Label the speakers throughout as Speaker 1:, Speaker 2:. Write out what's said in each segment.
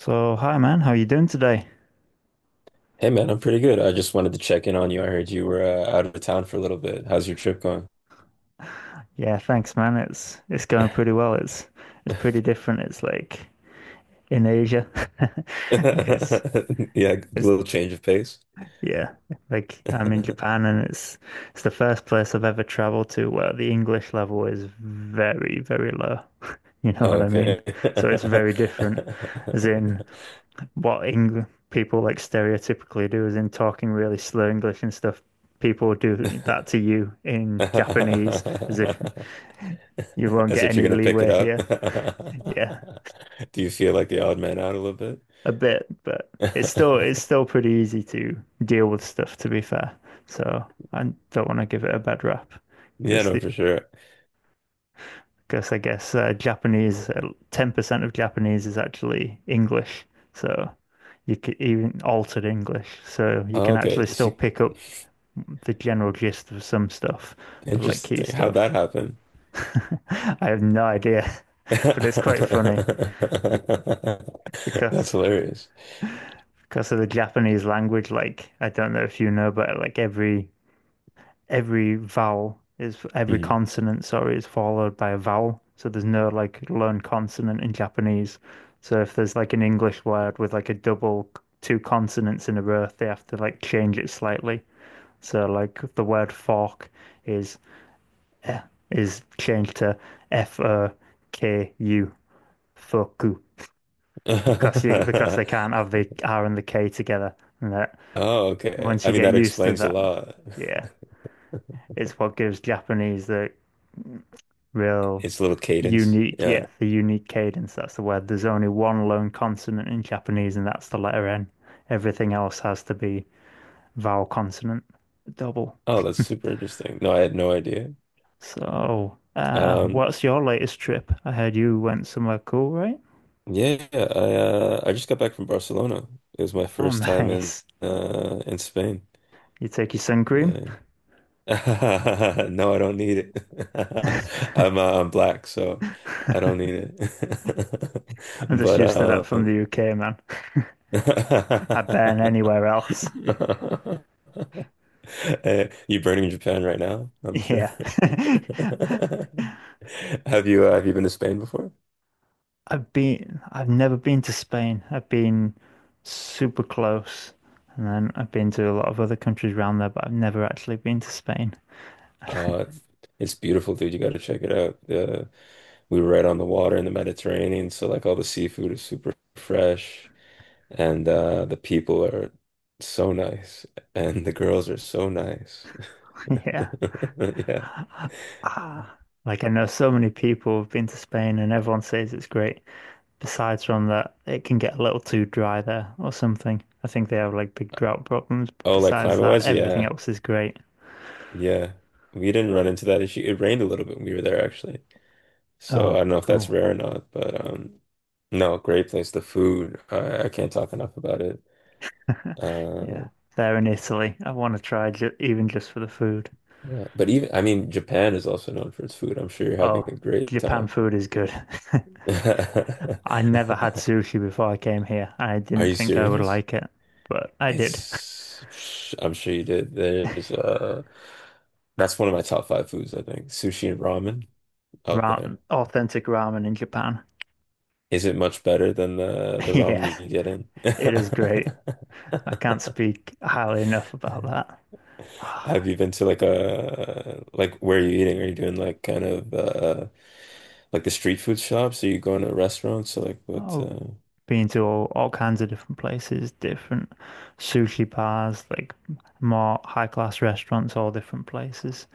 Speaker 1: So, hi man, how are you doing today?
Speaker 2: Hey man, I'm pretty good. I just wanted to check in on you. I heard you were out of town for a little bit. How's your trip going?
Speaker 1: Yeah, thanks man. It's going pretty well. It's pretty different. It's like in Asia. It's
Speaker 2: Yeah, a
Speaker 1: it's
Speaker 2: little change of pace.
Speaker 1: yeah, like I'm in Japan and it's the first place I've ever traveled to where the English level is very, very low. You know what I mean?
Speaker 2: Okay.
Speaker 1: So it's very different, as in what Eng people like stereotypically do, as in talking really slow English and stuff. People do that to you in Japanese as if you won't
Speaker 2: As
Speaker 1: get
Speaker 2: if you're
Speaker 1: any
Speaker 2: gonna pick it
Speaker 1: leeway
Speaker 2: up.
Speaker 1: here. Yeah,
Speaker 2: Do you feel like the odd man out a little bit?
Speaker 1: a bit, but it's still it's still pretty easy to deal with stuff, to be fair. So I don't want to give it a bad rap.
Speaker 2: Yeah,
Speaker 1: Just
Speaker 2: no,
Speaker 1: the,
Speaker 2: for sure.
Speaker 1: because I guess Japanese, 10% of Japanese is actually English. So you can even altered English. So you
Speaker 2: Oh,
Speaker 1: can actually
Speaker 2: okay,
Speaker 1: still pick up the general gist of some stuff, of like key
Speaker 2: interesting. How'd
Speaker 1: stuff.
Speaker 2: that happen?
Speaker 1: I have no idea, but it's quite funny. be- Because
Speaker 2: That's hilarious.
Speaker 1: Because of the Japanese language, like I don't know if you know, but like every vowel is every
Speaker 2: Hmm.
Speaker 1: consonant, sorry, is followed by a vowel. So there's no like lone consonant in Japanese. So if there's like an English word with like a double two consonants in a row, they have to like change it slightly. So like the word fork is eh, is changed to FOKU, foku, because they can't have the R and the K together. And that
Speaker 2: Oh, okay.
Speaker 1: Once
Speaker 2: I
Speaker 1: you
Speaker 2: mean,
Speaker 1: get
Speaker 2: that
Speaker 1: used to
Speaker 2: explains a
Speaker 1: that,
Speaker 2: lot.
Speaker 1: yeah, it's what gives Japanese the real
Speaker 2: It's a little cadence.
Speaker 1: unique,
Speaker 2: Yeah.
Speaker 1: yeah, the unique cadence. That's the word. There's only one lone consonant in Japanese, and that's the letter N. Everything else has to be vowel consonant double.
Speaker 2: Oh, that's super interesting. No, I had no idea.
Speaker 1: So,
Speaker 2: Um,
Speaker 1: what's your latest trip? I heard you went somewhere cool, right?
Speaker 2: yeah, I just got back from Barcelona. It was my
Speaker 1: Oh,
Speaker 2: first time in
Speaker 1: nice.
Speaker 2: in Spain.
Speaker 1: You take your sun cream?
Speaker 2: Yeah. No, I don't need it. I'm black, so I don't need it.
Speaker 1: I'm just used to that from the UK, man. I burn
Speaker 2: But
Speaker 1: anywhere else.
Speaker 2: You burning Japan right now? I'm sure.
Speaker 1: Yeah.
Speaker 2: Have you been to Spain before?
Speaker 1: I've never been to Spain. I've been super close, and then I've been to a lot of other countries around there, but I've never actually been to Spain.
Speaker 2: Uh, it's beautiful, dude. You got to check it out. We were right on the water in the Mediterranean, so like all the seafood is super fresh, and the people are so nice, and the girls are so nice.
Speaker 1: Yeah.
Speaker 2: Yeah.
Speaker 1: Ah, like I know so many people have been to Spain, and everyone says it's great. Besides from that, it can get a little too dry there or something. I think they have like big drought problems. But
Speaker 2: Oh, like
Speaker 1: besides
Speaker 2: climate
Speaker 1: that,
Speaker 2: wise,
Speaker 1: everything
Speaker 2: yeah,
Speaker 1: else is great.
Speaker 2: yeah. We didn't run into that issue. It rained a little bit when we were there, actually. So I
Speaker 1: Oh,
Speaker 2: don't know if that's
Speaker 1: cool.
Speaker 2: rare or not, but no, great place. The food, I can't talk enough about it.
Speaker 1: Yeah,
Speaker 2: Uh,
Speaker 1: there in Italy. I want to try ju even just for the food.
Speaker 2: yeah, but even I mean, Japan is also known for its food. I'm sure you're having
Speaker 1: Oh,
Speaker 2: a great
Speaker 1: Japan
Speaker 2: time.
Speaker 1: food is good. I never had sushi before I came here, and I
Speaker 2: Are
Speaker 1: didn't
Speaker 2: you
Speaker 1: think I would
Speaker 2: serious?
Speaker 1: like it, but I did.
Speaker 2: It's, I'm sure you did. There's that's one of my top five foods, I think. Sushi and ramen up
Speaker 1: Ra
Speaker 2: there.
Speaker 1: Authentic ramen in Japan.
Speaker 2: Is it much better than the ramen
Speaker 1: Yeah,
Speaker 2: you get in?
Speaker 1: it is great. I can't speak highly enough about that.
Speaker 2: Have you been to like where are you eating? Are you doing like kind of like the street food shops? Are you going to restaurants? So like what
Speaker 1: Oh, been to all kinds of different places, different sushi bars, like more high class restaurants, all different places.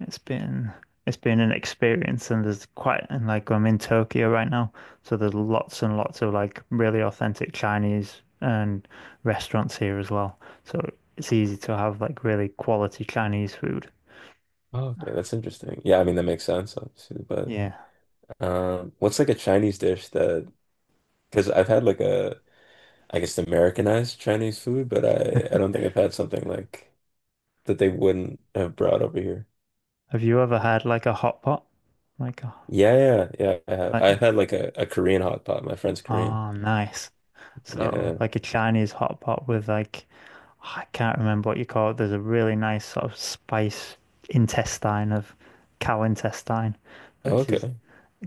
Speaker 1: It's been it's been an experience, and there's quite and like I'm in Tokyo right now, so there's lots and lots of like really authentic Chinese and restaurants here as well. So it's easy to have like really quality Chinese food.
Speaker 2: oh, okay, that's interesting. Yeah, I mean that makes sense obviously, but
Speaker 1: Yeah.
Speaker 2: what's like a Chinese dish that because I've had like a I guess Americanized Chinese food, but I don't think I've had something like that they wouldn't have brought over here.
Speaker 1: Have you ever had like a hot pot? Like a
Speaker 2: Yeah, yeah, I have.
Speaker 1: like
Speaker 2: I've had like a Korean hot pot. My friend's Korean.
Speaker 1: oh nice. So
Speaker 2: Yeah.
Speaker 1: like a Chinese hot pot with like I can't remember what you call it. There's a really nice sort of spice intestine of cow intestine,
Speaker 2: Oh,
Speaker 1: which is
Speaker 2: okay.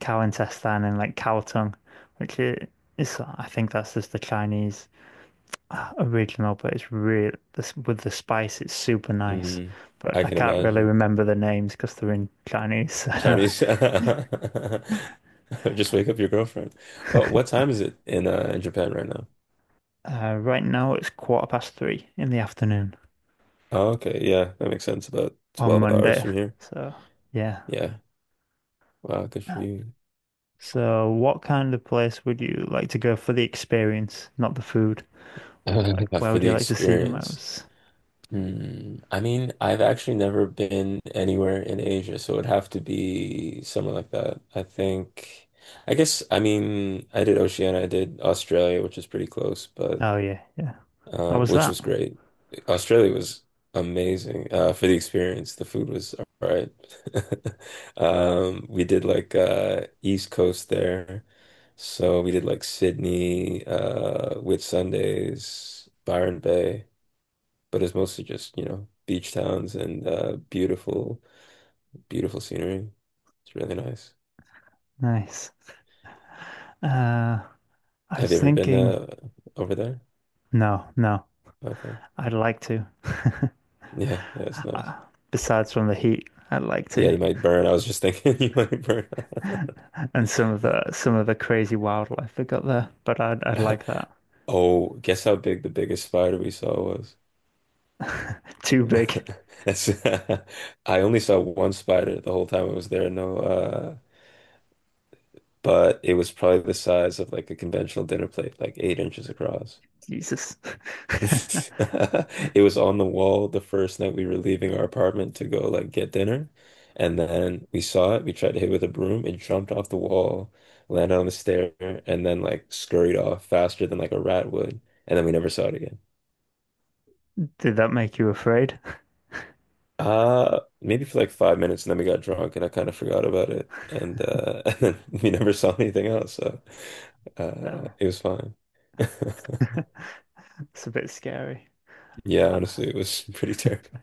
Speaker 1: cow intestine and like cow tongue, which is I think that's just the Chinese original, but it's really this with the spice, it's super nice.
Speaker 2: hmm
Speaker 1: But
Speaker 2: I
Speaker 1: I
Speaker 2: can
Speaker 1: can't really
Speaker 2: imagine.
Speaker 1: remember the names because they're in Chinese.
Speaker 2: Chinese. Just wake up your girlfriend. Well, what time is it in in Japan right now?
Speaker 1: Right now it's quarter past 3 in the afternoon
Speaker 2: Oh, okay, yeah, that makes sense. About
Speaker 1: on
Speaker 2: 12 hours
Speaker 1: Monday.
Speaker 2: from here.
Speaker 1: So yeah.
Speaker 2: Yeah. Wow, good for you.
Speaker 1: So what kind of place would you like to go for the experience, not the food? Like where
Speaker 2: For
Speaker 1: would
Speaker 2: the
Speaker 1: you like to see the
Speaker 2: experience.
Speaker 1: most?
Speaker 2: Hmm. I mean, I've actually never been anywhere in Asia, so it would have to be somewhere like that. I mean, I did Oceania, I did Australia, which is pretty close, but
Speaker 1: Oh yeah, yeah. How was
Speaker 2: which
Speaker 1: that?
Speaker 2: was great. Australia was amazing for the experience. The food was all right. We did like East Coast there, so we did like Sydney, Whitsundays, Byron Bay, but it's mostly just, you know, beach towns and beautiful, beautiful scenery. It's really nice.
Speaker 1: Nice. Uh, I
Speaker 2: Have
Speaker 1: was
Speaker 2: you ever been
Speaker 1: thinking,
Speaker 2: over there?
Speaker 1: no, no,
Speaker 2: Okay.
Speaker 1: I'd like to.
Speaker 2: Yeah, yeah, it's nice.
Speaker 1: Uh, Besides from the heat, I'd like
Speaker 2: Yeah,
Speaker 1: to,
Speaker 2: you might burn. I was just thinking you might burn.
Speaker 1: and some of the crazy wildlife we got there. But I'd like that.
Speaker 2: Oh, guess how big the biggest spider we saw was?
Speaker 1: Too big,
Speaker 2: That's I only saw one spider the whole time I was there. No, but it was probably the size of like a conventional dinner plate, like 8 inches across.
Speaker 1: Jesus.
Speaker 2: It was on the wall the first night we were leaving our apartment to go like get dinner, and then we saw it. We tried to hit it with a broom. It jumped off the wall, landed on the stair, and then like scurried off faster than like a rat would, and then we never saw it again.
Speaker 1: Did that make you afraid?
Speaker 2: Maybe for like 5 minutes, and then we got drunk, and I kind of forgot about it, and and then we never saw anything else, so
Speaker 1: Damn,
Speaker 2: it was fine.
Speaker 1: it's a bit scary.
Speaker 2: Yeah,
Speaker 1: I,
Speaker 2: honestly, it was pretty terrible.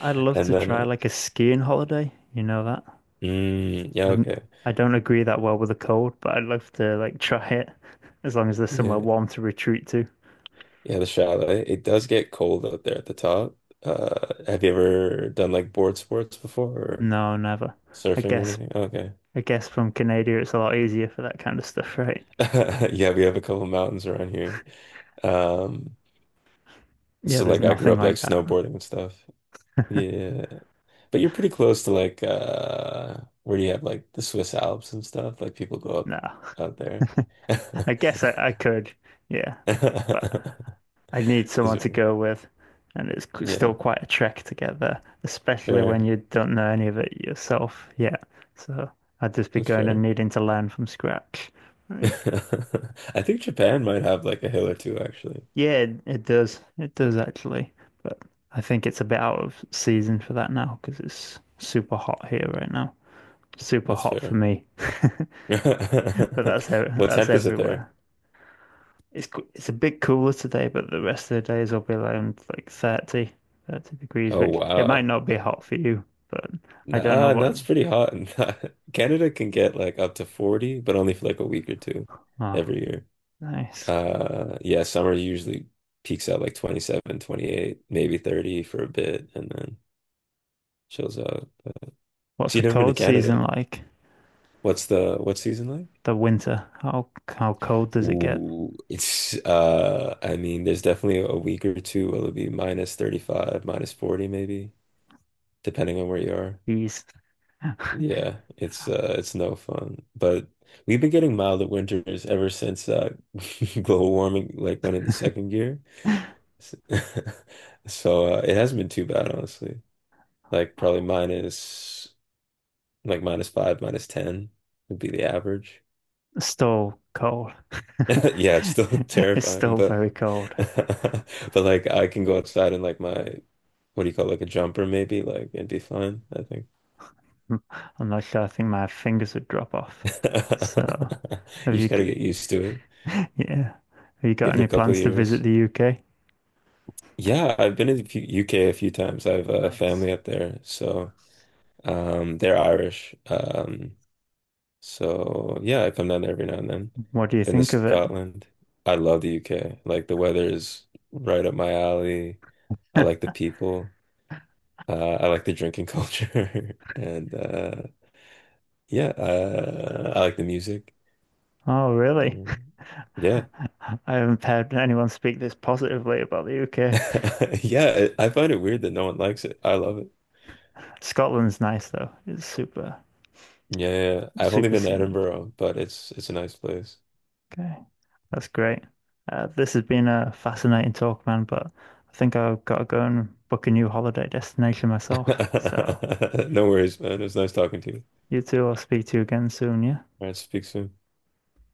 Speaker 1: I'd love to
Speaker 2: And then,
Speaker 1: try like a skiing holiday. You know that?
Speaker 2: yeah,
Speaker 1: I'm,
Speaker 2: okay,
Speaker 1: I don't agree that well with the cold, but I'd love to like try it as long as there's somewhere
Speaker 2: yeah,
Speaker 1: warm to retreat to.
Speaker 2: yeah, the chalet. It does get cold up there at the top. Have you ever done like board sports before or
Speaker 1: No, never. I
Speaker 2: surfing or
Speaker 1: guess
Speaker 2: anything? Okay,
Speaker 1: I guess from Canada, it's a lot easier for that kind of stuff, right?
Speaker 2: yeah, we have a couple mountains around here. Um,
Speaker 1: Yeah,
Speaker 2: so
Speaker 1: there's
Speaker 2: like I grew
Speaker 1: nothing
Speaker 2: up like
Speaker 1: like that.
Speaker 2: snowboarding and stuff. Yeah. But you're pretty close to like where do you have like the Swiss Alps and stuff? Like people go up
Speaker 1: No,
Speaker 2: out there.
Speaker 1: I guess I could, yeah, but I need
Speaker 2: Is
Speaker 1: someone
Speaker 2: it?
Speaker 1: to go with, and it's
Speaker 2: Yeah,
Speaker 1: still quite a trek to get there, especially when
Speaker 2: fair.
Speaker 1: you don't know any of it yourself yet. So I'd just be
Speaker 2: That's
Speaker 1: going and
Speaker 2: fair.
Speaker 1: needing to learn from scratch,
Speaker 2: I
Speaker 1: right?
Speaker 2: think Japan might have like a hill or two actually.
Speaker 1: Yeah, it does. It does actually, but I think it's a bit out of season for that now because it's super hot here right now. Super
Speaker 2: That's
Speaker 1: hot for
Speaker 2: fair.
Speaker 1: me. But that's ev-
Speaker 2: What
Speaker 1: that's
Speaker 2: temp is it there?
Speaker 1: everywhere. It's a bit cooler today, but the rest of the days will be around like thirty degrees,
Speaker 2: Oh
Speaker 1: which it might
Speaker 2: wow.
Speaker 1: not be hot for you, but I don't know
Speaker 2: Nah, no,
Speaker 1: what.
Speaker 2: it's pretty hot. Canada can get like up to 40, but only for like a week or two
Speaker 1: Oh,
Speaker 2: every year.
Speaker 1: nice.
Speaker 2: Yeah, summer usually peaks out like 27, 28, maybe 30 for a bit and then chills out. But-
Speaker 1: What's
Speaker 2: So
Speaker 1: the
Speaker 2: you've never been to
Speaker 1: cold season
Speaker 2: Canada.
Speaker 1: like?
Speaker 2: What's the what's season like?
Speaker 1: The winter. How cold does it get?
Speaker 2: Ooh, it's I mean there's definitely a week or two where it'll be minus 35, minus 40 maybe, depending on where you are.
Speaker 1: It's
Speaker 2: Yeah, it's no fun. But we've been getting milder winters ever since global warming like went into second gear. So it hasn't been too bad honestly. Like probably minus like minus five, minus ten would be the average.
Speaker 1: still cold.
Speaker 2: Yeah, it's still
Speaker 1: It's
Speaker 2: terrifying,
Speaker 1: still
Speaker 2: but
Speaker 1: very cold.
Speaker 2: but like I can go outside in like my what do you call it, like a jumper maybe like and be fine, I think.
Speaker 1: I'm not sure. I think my fingers would drop off. So,
Speaker 2: You
Speaker 1: have you?
Speaker 2: just gotta get used to it.
Speaker 1: Yeah. Have you got
Speaker 2: Give it
Speaker 1: any
Speaker 2: a couple
Speaker 1: plans to visit
Speaker 2: years.
Speaker 1: the UK?
Speaker 2: Yeah, I've been in the UK a few times. I have a
Speaker 1: Nice.
Speaker 2: family up there, so they're Irish. So yeah, I come down there every now and then.
Speaker 1: What do you
Speaker 2: Been to
Speaker 1: think of it?
Speaker 2: Scotland. I love the UK. Like the weather is right up my alley. I like the people. I like the drinking culture, and yeah, I like the music.
Speaker 1: Oh, really?
Speaker 2: Mm, yeah,
Speaker 1: I haven't heard anyone speak this positively about the UK.
Speaker 2: yeah. I find it weird that no one likes it. I love it.
Speaker 1: Scotland's nice though. It's super,
Speaker 2: Yeah. I've only
Speaker 1: super
Speaker 2: been to
Speaker 1: scenic.
Speaker 2: Edinburgh, but it's a nice place.
Speaker 1: Okay, that's great. This has been a fascinating talk, man, but I think I've got to go and book a new holiday destination myself. So
Speaker 2: No worries, man. It was nice talking to you.
Speaker 1: you two, I'll speak to you again soon, yeah?
Speaker 2: All right, speak soon.